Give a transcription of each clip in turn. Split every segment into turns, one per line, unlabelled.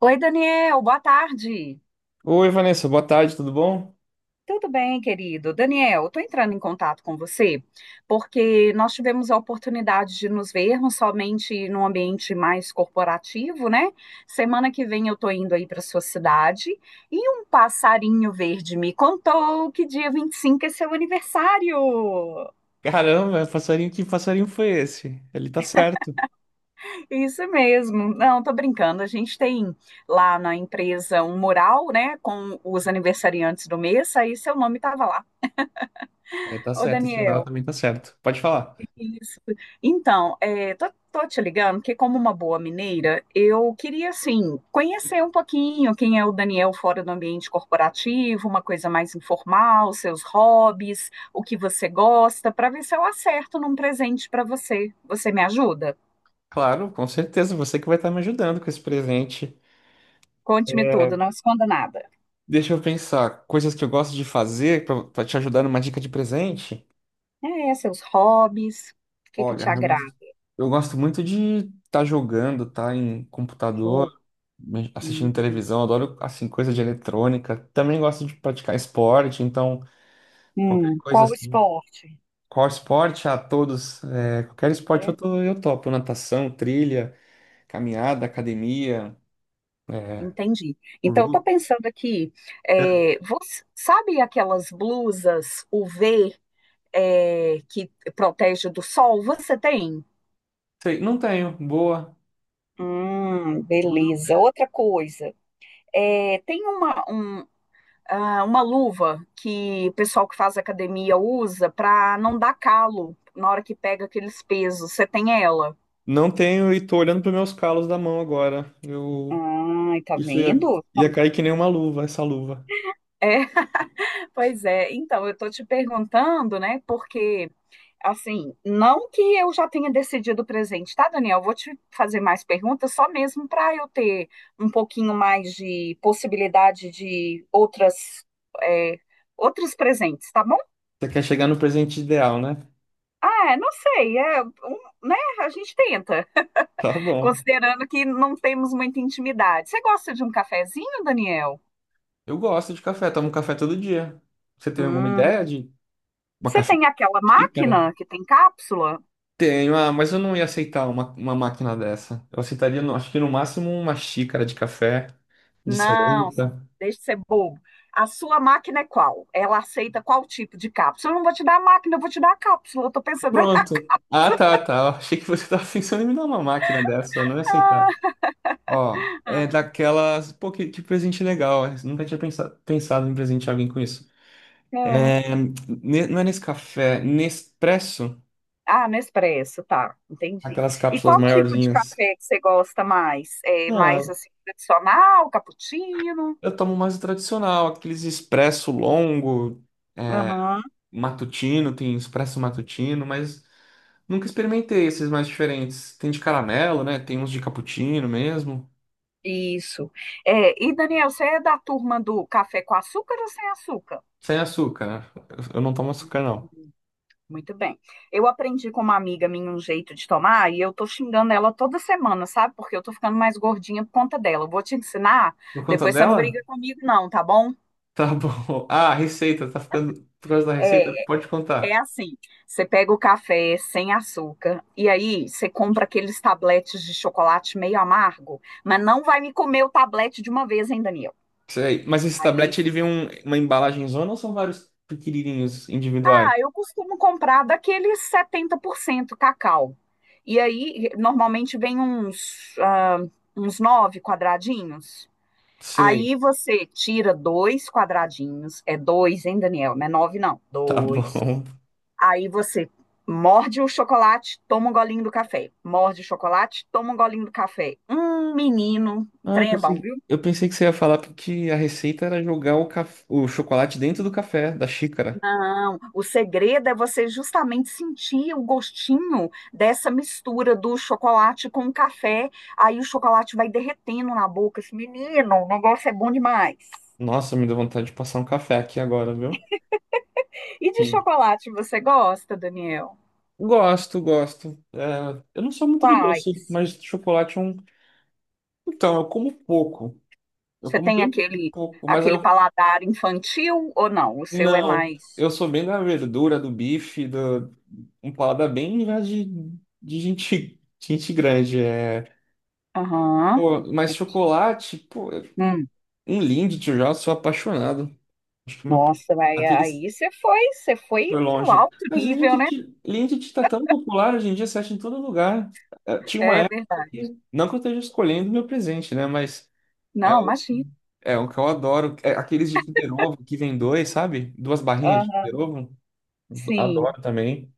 Oi, Daniel, boa tarde.
Oi, Vanessa, boa tarde, tudo bom?
Tudo bem, querido? Daniel, estou entrando em contato com você porque nós tivemos a oportunidade de nos vermos somente num ambiente mais corporativo, né? Semana que vem eu estou indo aí para sua cidade e um passarinho verde me contou que dia 25 é seu aniversário.
Caramba, passarinho, que passarinho foi esse? Ele tá certo.
Isso mesmo. Não, tô brincando. A gente tem lá na empresa um mural, né, com os aniversariantes do mês, aí seu nome estava lá.
Ele tá
Ô,
certo, esse numeral
Daniel.
também tá certo. Pode falar.
Isso. Então, tô te ligando que, como uma boa mineira, eu queria, assim, conhecer um pouquinho quem é o Daniel fora do ambiente corporativo, uma coisa mais informal, seus hobbies, o que você gosta, para ver se eu acerto num presente para você. Você me ajuda?
Claro, com certeza, você que vai estar me ajudando com esse presente.
Conte-me tudo, não esconda nada.
Deixa eu pensar, coisas que eu gosto de fazer pra te ajudar numa dica de presente.
É, seus hobbies, o que que
Olha,
te agrada?
eu gosto muito de estar jogando, tá em computador,
Jogo? Hum,
assistindo televisão, adoro assim coisa de eletrônica. Também gosto de praticar esporte, então qualquer coisa
qual o
assim.
esporte?
Qual esporte? A todos. Qualquer esporte
É.
eu topo. Natação, trilha, caminhada, academia, é,
Entendi. Então, estou
luta.
pensando aqui, você, sabe aquelas blusas UV, que protege do sol? Você tem?
Sei, não tenho. Boa.
Beleza. Outra coisa, tem uma luva que o pessoal que faz academia usa para não dar calo na hora que pega aqueles pesos. Você tem ela?
Não tenho e tô olhando para meus calos da mão agora. Eu
Ai, tá
Isso ia,
vendo?
ia cair que nem uma luva, essa luva.
É, pois é. Então, eu tô te perguntando, né? Porque assim, não que eu já tenha decidido o presente, tá, Daniel? Vou te fazer mais perguntas, só mesmo para eu ter um pouquinho mais de possibilidade de outras, é, outros presentes, tá bom?
Você quer chegar no presente ideal, né?
Ah, é, não sei, né? A gente tenta,
Tá bom.
considerando que não temos muita intimidade. Você gosta de um cafezinho, Daniel?
Eu gosto de café, tomo café todo dia. Você tem alguma
Hum,
ideia de uma
você
café?
tem aquela máquina que tem cápsula?
Tenho, ah, mas eu não ia aceitar uma máquina dessa. Eu aceitaria, acho que no máximo uma xícara de café, de
Não,
cerâmica.
deixa de ser bobo. A sua máquina é qual? Ela aceita qual tipo de cápsula? Eu não vou te dar a máquina, eu vou te dar a cápsula. Eu tô pensando
Pronto. Ah, tá. Eu achei que você estava pensando em me dar uma máquina dessa. Eu não ia aceitar.
na.
Ó, é daquelas. Pô, que presente legal. Eu nunca tinha pensado em presentear alguém com isso.
Hum.
É, não é nesse café, Nespresso,
Ah, Nespresso, tá, entendi.
aquelas
E
cápsulas
qual tipo de
maiorzinhas.
café que você gosta mais? É mais
Ah,
assim tradicional, cappuccino?
eu tomo mais o tradicional, aqueles expresso longo,
Aham.
matutino, tem expresso matutino, mas nunca experimentei esses mais diferentes. Tem de caramelo, né? Tem uns de cappuccino mesmo.
Isso. É, e Daniel, você é da turma do café com açúcar ou sem açúcar?
Sem açúcar, né? Eu não tomo açúcar, não.
Muito bem. Eu aprendi com uma amiga minha um jeito de tomar e eu tô xingando ela toda semana, sabe? Porque eu tô ficando mais gordinha por conta dela. Eu vou te ensinar,
Por conta
depois você não
dela?
briga comigo, não, tá bom?
Tá bom. Ah, a receita, tá ficando. Por causa da
É,
receita? Pode
é
contar.
assim: você pega o café sem açúcar e aí você compra aqueles tabletes de chocolate meio amargo, mas não vai me comer o tablete de uma vez, hein, Daniel?
Isso aí. Mas esse
Aí
tablete, ele vem uma embalagem zona ou são vários pequenininhos individuais?
ah, eu costumo comprar daqueles 70% cacau. E aí, normalmente vem uns uns 9 quadradinhos.
Sei.
Aí você tira dois quadradinhos, é dois, hein, Daniel? Não é 9, não,
Tá
dois.
bom.
Aí você morde o chocolate, toma um golinho do café. Morde o chocolate, toma um golinho do café. Menino, o
Ah,
trem é bom, viu?
eu pensei que você ia falar porque a receita era jogar o chocolate dentro do café, da xícara.
Não, o segredo é você justamente sentir o gostinho dessa mistura do chocolate com o café. Aí o chocolate vai derretendo na boca. Esse menino, o negócio é bom demais.
Nossa, me deu vontade de passar um café aqui agora, viu?
E de
Hum.
chocolate você gosta, Daniel?
Gosto, gosto. É, eu não sou muito de doce,
Quais?
mas chocolate é um. Então, eu como pouco. Eu
Você
como
tem
bem
aquele
pouco, mas eu...
paladar infantil ou não? O seu é
Não.
mais.
Eu sou bem da verdura, do bife, do... um paladar bem já de gente, gente grande. É...
Aham,
Pô, mas
entendi.
chocolate, pô,
Hum,
um Lindt, eu já sou apaixonado. Acho que o meu...
nossa, vai,
aquele...
você foi
foi
no
longe.
alto
Mas
nível, né?
Linked tá tão popular hoje em dia, você acha em todo lugar. Tinha uma
É
época
verdade.
que, não que eu esteja escolhendo meu presente, né? Mas é
Não,
um,
imagina.
é um que eu adoro. É aqueles de Kinder Ovo que vem dois, sabe? Duas barrinhas de
Aham,
Kinder Ovo.
sim.
Adoro também.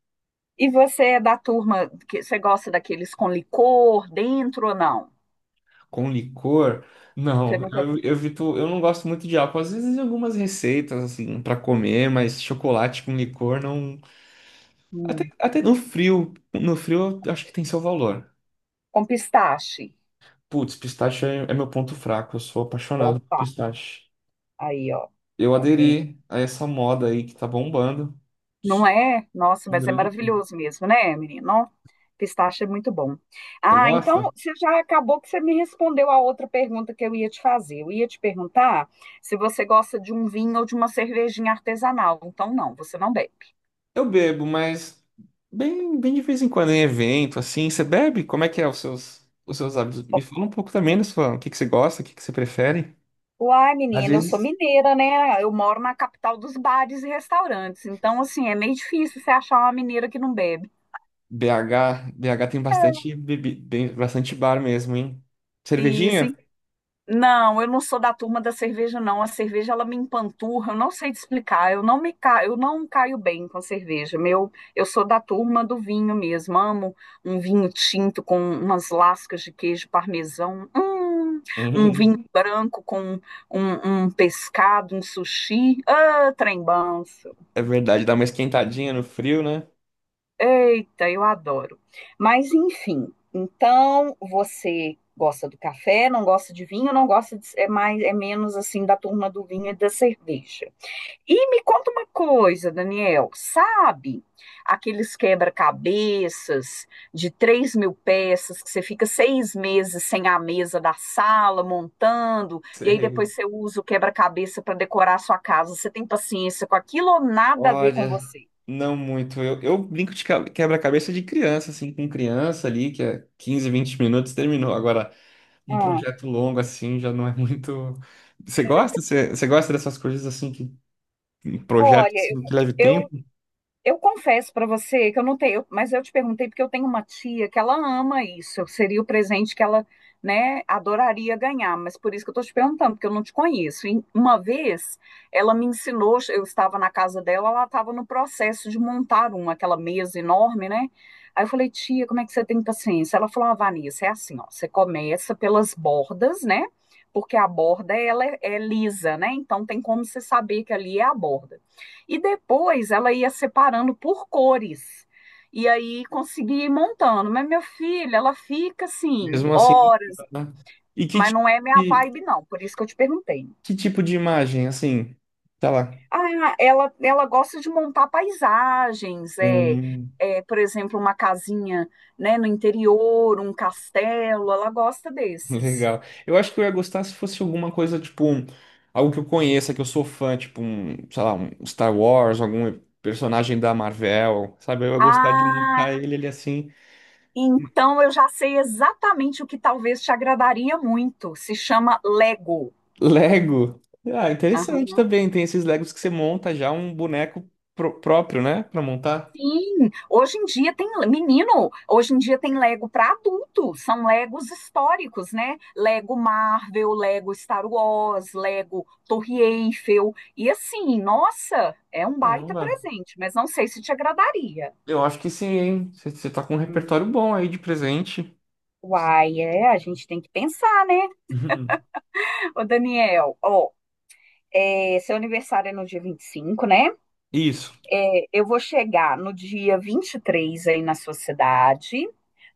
E você é da turma que você gosta daqueles com licor dentro ou não?
Com licor.
Você
Não,
nunca.
eu evito, eu não gosto muito de álcool. Às vezes em algumas receitas, assim, para comer, mas chocolate com licor não.
Hum,
Até no frio. No frio, eu acho que tem seu valor.
com pistache.
Putz, é meu ponto fraco. Eu sou apaixonado por
Opa,
pistache.
aí, ó.
Eu
Tá vendo?
aderi a essa moda aí que tá bombando.
Não
Sou
é? Nossa,
um
mas é
grande fã.
maravilhoso mesmo, né, menino? Ó, pistache é muito bom.
Você
Ah, então
gosta?
você já acabou que você me respondeu a outra pergunta que eu ia te fazer. Eu ia te perguntar se você gosta de um vinho ou de uma cervejinha artesanal. Então, não, você não bebe.
Eu bebo, mas bem de vez em quando em evento, assim. Você bebe? Como é que é os seus hábitos? Me fala um pouco também da sua, o que que você gosta, o que que você prefere?
Uai,
Às
menina, eu sou
vezes,
mineira, né? Eu moro na capital dos bares e restaurantes. Então, assim, é meio difícil você achar uma mineira que não bebe.
BH tem bastante bastante bar mesmo, hein?
E,
Cervejinha?
assim, não, eu não sou da turma da cerveja, não. A cerveja, ela me empanturra, eu não sei te explicar. Eu não me ca... eu não caio bem com cerveja. Meu, eu sou da turma do vinho mesmo. Amo um vinho tinto com umas lascas de queijo parmesão. Um
Hum,
vinho branco com um pescado, um sushi. Ah, trem bom.
é verdade, dá uma esquentadinha no frio, né?
Eita, eu adoro. Mas enfim, então você gosta do café, não gosta de vinho, não gosta de, é mais é menos assim da turma do vinho e da cerveja. E me conta uma coisa, Daniel, sabe aqueles quebra-cabeças de 3.000 peças que você fica 6 meses sem a mesa da sala montando e aí
Sei.
depois você usa o quebra-cabeça para decorar a sua casa? Você tem paciência com aquilo ou nada a ver com
Olha,
você?
não muito. Eu brinco de quebra-cabeça de criança, assim, com criança ali, que é 15, 20 minutos, terminou. Agora, um
Hum,
projeto longo, assim, já não é muito. Você gosta? Você gosta dessas coisas, assim, que um projeto
Olha,
assim, que leve
eu
tempo?
Eu confesso para você que eu não tenho, eu- mas eu te perguntei porque eu tenho uma tia que ela ama isso. Seria o presente que ela, né, adoraria ganhar, mas por isso que eu estou te perguntando, porque eu não te conheço. E uma vez ela me ensinou, eu estava na casa dela, ela estava no processo de montar uma, aquela mesa enorme, né? Aí eu falei, tia, como é que você tem paciência? Ela falou, ah, Vanessa, é assim, ó, você começa pelas bordas, né? Porque a borda ela é lisa, né? Então tem como você saber que ali é a borda. E depois ela ia separando por cores. E aí conseguia ir montando. Mas minha filha, ela fica assim,
Mesmo assim.
horas,
Né? E que,
mas
ti-
não é minha
e
vibe, não. Por isso que eu te perguntei.
que tipo de imagem, assim, sei lá,
Ah, ela gosta de montar paisagens,
um...
por exemplo, uma casinha, né, no interior, um castelo, ela gosta desses.
legal. Eu acho que eu ia gostar se fosse alguma coisa, tipo, algo que eu conheça, que eu sou fã, tipo, um, sei lá, um Star Wars, algum personagem da Marvel, sabe? Eu ia gostar de
Ah,
montar ele assim.
então eu já sei exatamente o que talvez te agradaria muito. Se chama Lego.
Lego. Ah,
Ah,
interessante também. Tem esses Legos que você monta já um boneco próprio, né? Pra montar.
sim, hoje em dia tem, menino, hoje em dia tem Lego para adulto, são Legos históricos, né? Lego Marvel, Lego Star Wars, Lego Torre Eiffel. E assim, nossa, é um baita
Caramba.
presente, mas não sei se te agradaria.
Eu acho que sim, hein? Você tá com um repertório
Hum,
bom aí de presente.
Uai, é, a gente tem que pensar, né?
Uhum.
Ô, Daniel, ó, é, seu aniversário é no dia 25, né?
Isso.
É, eu vou chegar no dia 23 aí na sua cidade.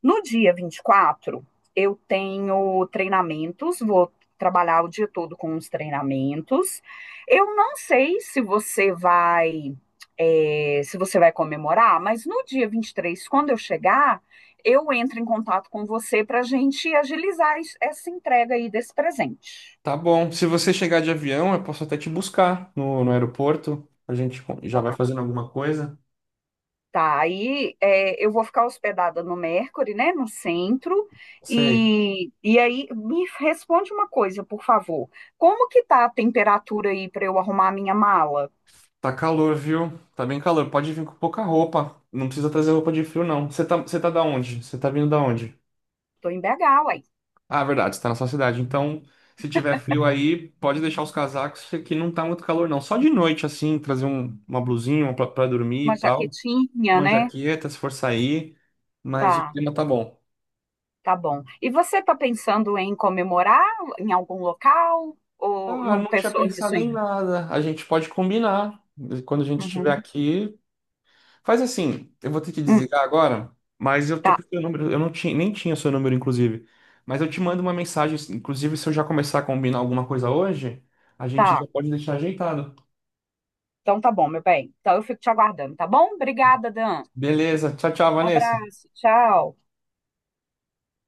No dia 24 eu tenho treinamentos, vou trabalhar o dia todo com os treinamentos. Eu não sei se você vai se você vai comemorar, mas no dia 23, quando eu chegar, eu entro em contato com você para a gente agilizar es- essa entrega aí desse presente.
Tá bom. Se você chegar de avião, eu posso até te buscar no aeroporto. A gente já vai
Tá?
fazendo alguma coisa.
Tá, aí é, eu vou ficar hospedada no Mercury, né, no centro,
Sei.
e aí me responde uma coisa, por favor. Como que tá a temperatura aí para eu arrumar a minha mala?
Tá calor, viu? Tá bem calor. Pode vir com pouca roupa. Não precisa trazer roupa de frio, não. Você tá da onde? Você tá vindo da onde?
Tô em BH, uai.
Ah, verdade, você tá na sua cidade. Então, se tiver frio aí, pode deixar os casacos, que aqui não tá muito calor, não. Só de noite, assim, trazer uma blusinha uma pra dormir
Uma
e tal.
jaquetinha,
Uma
né?
jaqueta, se for sair. Mas o
Tá,
clima tá bom.
tá bom. E você tá pensando em comemorar em algum local ou
Ah,
não
não tinha
pensou nisso
pensado em
ainda?
nada. A gente pode combinar. Quando a gente estiver
Uhum.
aqui. Faz assim, eu vou ter que
Hum,
desligar agora, mas eu tô
tá,
com o seu número. Eu não tinha, nem tinha seu número, inclusive. Mas eu te mando uma mensagem. Inclusive, se eu já começar a combinar alguma coisa hoje, a gente
tá.
já pode deixar ajeitado.
Então tá bom, meu bem. Então eu fico te aguardando, tá bom? Obrigada, Dan.
Beleza. Tchau, tchau, Vanessa.
Abraço, tchau.